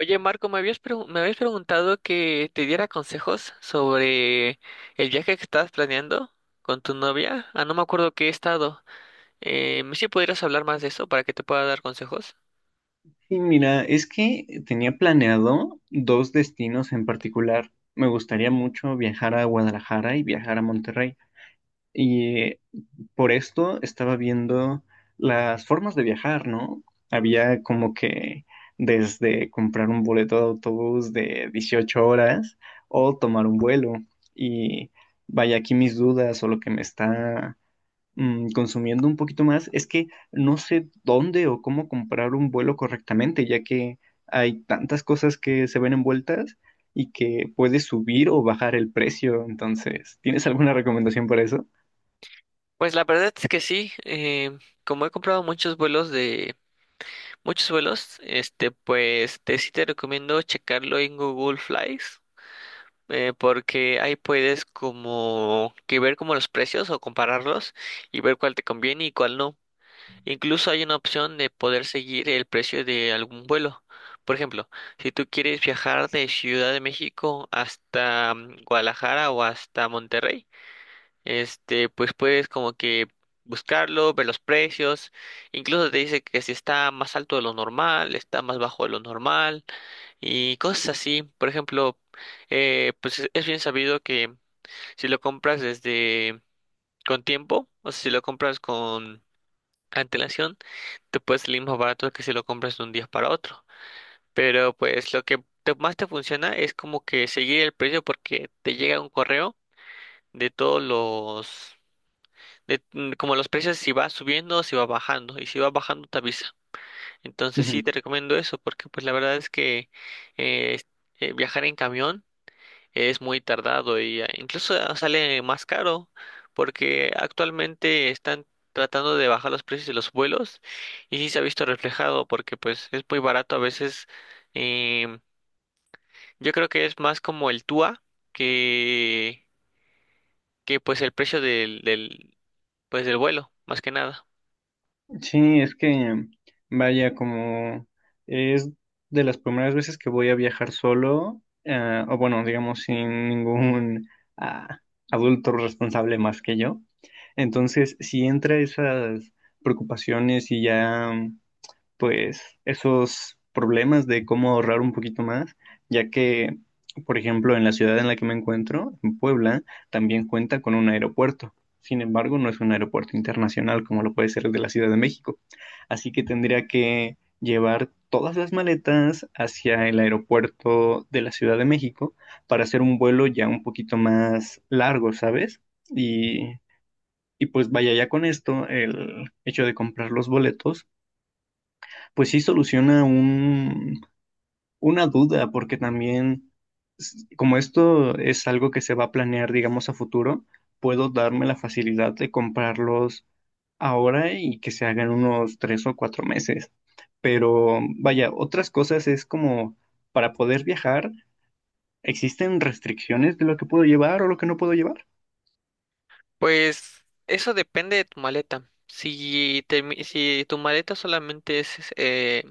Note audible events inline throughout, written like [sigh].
Oye, Marco, me habías preguntado que te diera consejos sobre el viaje que estabas planeando con tu novia. Ah, no me acuerdo qué estado. ¿Sí pudieras hablar más de eso para que te pueda dar consejos? Sí, mira, es que tenía planeado dos destinos en particular. Me gustaría mucho viajar a Guadalajara y viajar a Monterrey. Y por esto estaba viendo las formas de viajar, ¿no? Había como que desde comprar un boleto de autobús de 18 horas o tomar un vuelo. Y vaya, aquí mis dudas o lo que me está consumiendo un poquito más, es que no sé dónde o cómo comprar un vuelo correctamente, ya que hay tantas cosas que se ven envueltas y que puede subir o bajar el precio. Entonces, ¿tienes alguna recomendación para eso? Pues la verdad es que sí. Como he comprado muchos vuelos, este, pues te sí te recomiendo checarlo en Google Flights. Porque ahí puedes como que ver como los precios o compararlos y ver cuál te conviene y cuál no. Incluso hay una opción de poder seguir el precio de algún vuelo. Por ejemplo, si tú quieres viajar de Ciudad de México hasta Guadalajara o hasta Monterrey, este, pues puedes como que buscarlo, ver los precios. Incluso te dice que si está más alto de lo normal, está más bajo de lo normal y cosas así. Por ejemplo, pues es bien sabido que si lo compras desde con tiempo, o sea, si lo compras con antelación, te puede salir más barato que si lo compras de un día para otro. Pero pues lo que más te funciona es como que seguir el precio porque te llega un correo de todos los, como los precios si va subiendo o si va bajando. Y si va bajando te avisa. Entonces sí te recomiendo eso porque pues la verdad es que eh, es- viajar en camión es muy tardado y incluso ah, sale más caro porque actualmente están tratando de bajar los precios de los vuelos y sí se ha visto reflejado porque pues es muy barato a veces. em, yo creo que es más como el TUA que que pues el precio del pues del vuelo más que nada. Sí, es que, vaya, como es de las primeras veces que voy a viajar solo, o bueno, digamos, sin ningún ah, adulto responsable más que yo. Entonces, si entra esas preocupaciones y ya pues esos problemas de cómo ahorrar un poquito más, ya que, por ejemplo, en la ciudad en la que me encuentro, en Puebla, también cuenta con un aeropuerto. Sin embargo, no es un aeropuerto internacional como lo puede ser el de la Ciudad de México. Así que tendría que llevar todas las maletas hacia el aeropuerto de la Ciudad de México para hacer un vuelo ya un poquito más largo, ¿sabes? Y, y pues vaya, ya con esto, el hecho de comprar los boletos pues sí soluciona una duda, porque también, como esto es algo que se va a planear, digamos, a futuro, puedo darme la facilidad de comprarlos ahora y que se hagan unos 3 o 4 meses. Pero vaya, otras cosas es como para poder viajar, ¿existen restricciones de lo que puedo llevar o lo que no puedo llevar? Pues eso depende de tu maleta, si tu maleta solamente es.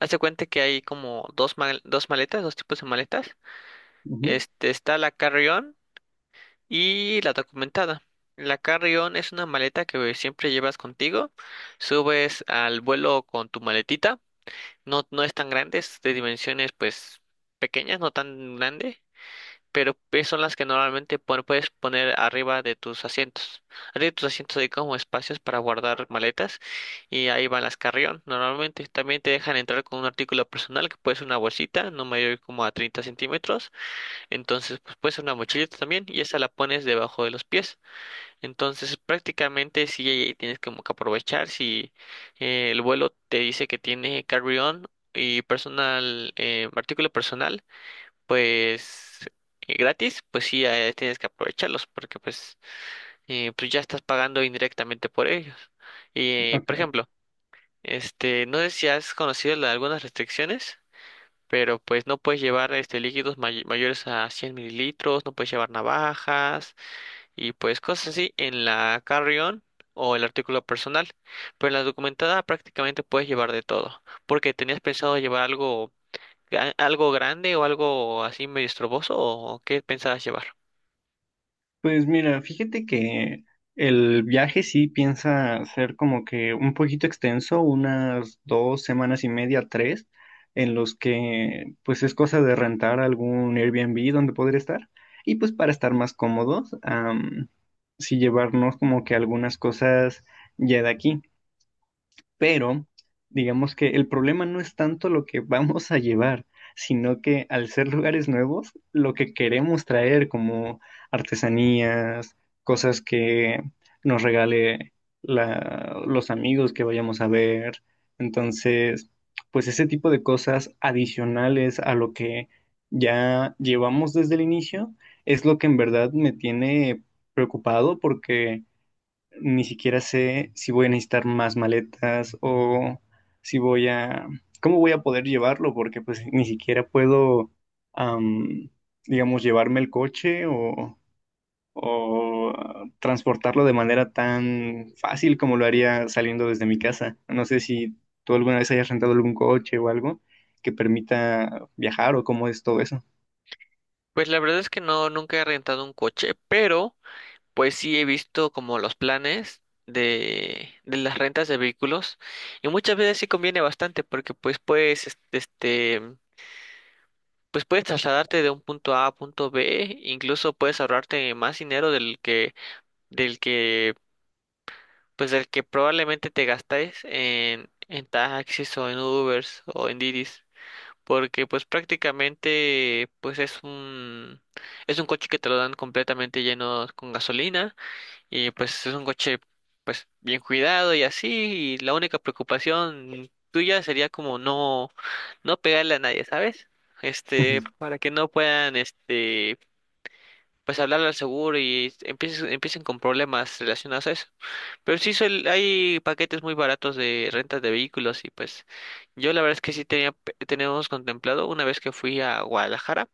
Hazte cuenta que hay como dos maletas, dos tipos de maletas. Ujú, Este, está la carry-on y la documentada. La carry-on es una maleta que siempre llevas contigo. Subes al vuelo con tu maletita. No, no es tan grande, es de dimensiones pues pequeñas, no tan grande, pero pues son las que normalmente puedes poner arriba de tus asientos. Arriba de tus asientos hay como espacios para guardar maletas y ahí van las carry-on. Normalmente también te dejan entrar con un artículo personal que puede ser una bolsita, no mayor como a 30 cm. Entonces, pues puede ser una mochilita también y esa la pones debajo de los pies. Entonces, prácticamente sí ahí tienes como que aprovechar si el vuelo te dice que tiene carry-on y personal, artículo personal, pues gratis, pues sí tienes que aprovecharlos, porque pues pues ya estás pagando indirectamente por ellos. Y, por ok. ejemplo, este, no sé si has conocido algunas restricciones, pero pues no puedes llevar este líquidos mayores a 100 ml, no puedes llevar navajas y pues cosas así en la carry-on o el artículo personal. Pero en la documentada prácticamente puedes llevar de todo. Porque ¿tenías pensado llevar algo grande o algo así medio estroboso, o qué pensabas llevar? Pues mira, fíjate que el viaje sí piensa ser como que un poquito extenso, unas 2 semanas y media, 3, en los que pues es cosa de rentar algún Airbnb donde poder estar. Y pues para estar más cómodos, sí llevarnos como que algunas cosas ya de aquí pero digamos que el problema no es tanto lo que vamos a llevar, sino que al ser lugares nuevos, lo que queremos traer como artesanías, cosas que nos regale los amigos que vayamos a ver. Entonces, pues ese tipo de cosas adicionales a lo que ya llevamos desde el inicio es lo que en verdad me tiene preocupado porque ni siquiera sé si voy a necesitar más maletas o si voy cómo voy a poder llevarlo, porque pues ni siquiera puedo, am, digamos, llevarme el coche o transportarlo de manera tan fácil como lo haría saliendo desde mi casa. No sé si tú alguna vez hayas rentado algún coche o algo que permita viajar o cómo es todo eso. Pues la verdad es que no, nunca he rentado un coche, pero pues sí, he visto como los planes de las rentas de vehículos y muchas veces sí conviene bastante, porque pues puedes, este, pues puedes trasladarte de un punto A a punto B, incluso puedes ahorrarte más dinero del que, pues del que probablemente te gastáis en taxis o en Ubers o en Didis, porque pues prácticamente pues es un coche que te lo dan completamente lleno con gasolina. Y pues es un coche pues bien cuidado y así, y la única preocupación tuya sería como no, no pegarle a nadie, ¿sabes? Ujú, Este, para que no puedan, este, pues hablarle al seguro y empiecen con problemas relacionados a eso. Pero sí hay paquetes muy baratos de rentas de vehículos y pues yo la verdad es que sí tenemos contemplado. Una vez que fui a Guadalajara,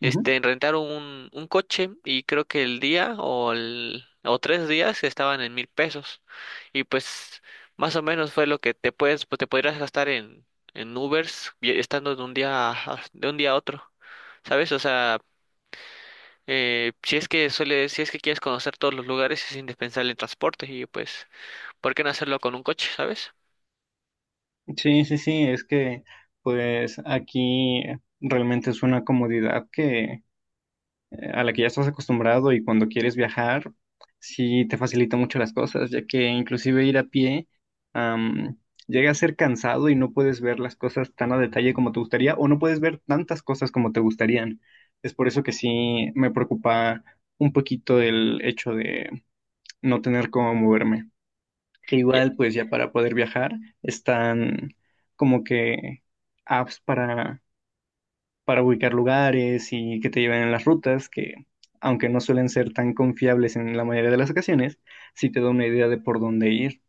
ujú. este, rentaron un coche y creo que el día o tres días estaban en 1,000 pesos. Y pues más o menos fue lo que pues, te podrías gastar en Ubers estando de un día a otro. ¿Sabes? O sea, si es que quieres conocer todos los lugares es indispensable el transporte y pues, ¿por qué no hacerlo con un coche, sabes? Sí, sí, sí, es que pues aquí realmente es una comodidad que a la que ya estás acostumbrado y cuando quieres viajar, sí te facilita mucho las cosas, ya que inclusive ir a pie, am, llega a ser cansado y no puedes ver las cosas tan a detalle como te gustaría o no puedes ver tantas cosas como te gustarían. Es por eso que sí me preocupa un poquito el hecho de no tener cómo moverme. Que Ya. igual, pues ya para poder viajar están como que apps para ubicar lugares y que te lleven en las rutas, que aunque no suelen ser tan confiables en la mayoría de las ocasiones, sí te da una idea de por dónde ir.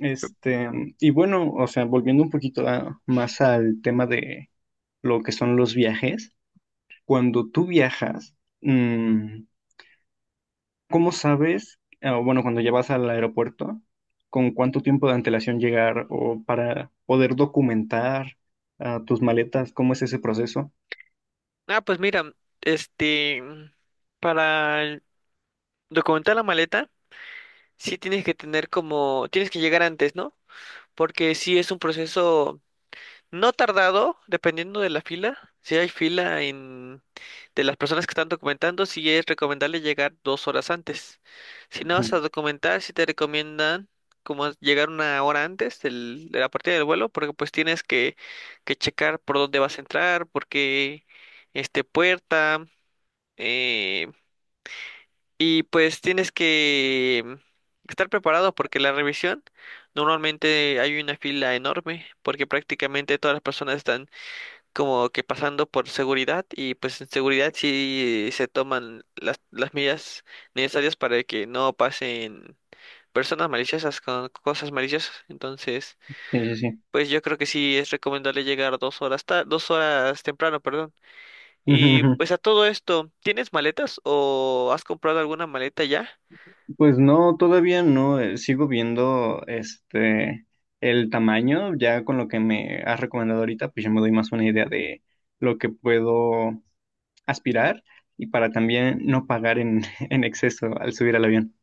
Este, y bueno, o sea, volviendo un poquito más al tema de lo que son los viajes, cuando tú viajas, mm, ¿cómo sabes, bueno, cuando ya vas al aeropuerto, con cuánto tiempo de antelación llegar o para poder documentar, tus maletas? ¿Cómo es ese proceso? Ah, pues mira, este, para documentar la maleta, sí tienes que llegar antes, ¿no? Porque sí es un proceso no tardado, dependiendo de la fila. Si hay fila de las personas que están documentando, sí es recomendable llegar 2 horas antes. Si no vas Ujú. a documentar, sí te recomiendan como llegar una hora antes de la partida del vuelo, porque pues tienes que checar por dónde vas a entrar, porque este puerta. eh, y pues tienes que estar preparado, porque la revisión normalmente hay una fila enorme, porque prácticamente todas las personas están como que pasando por seguridad, y pues en seguridad sí se toman las medidas necesarias para que no pasen personas maliciosas con cosas maliciosas. Entonces, Sí, sí, sí. pues yo creo que sí es recomendable llegar 2 horas temprano, perdón. Y pues a [laughs] todo esto, ¿tienes maletas o has comprado alguna maleta ya? Pues no, todavía no, sigo viendo este el tamaño, ya con lo que me has recomendado ahorita, pues ya me doy más una idea de lo que puedo aspirar y para también no pagar en, [laughs] en exceso al subir al avión.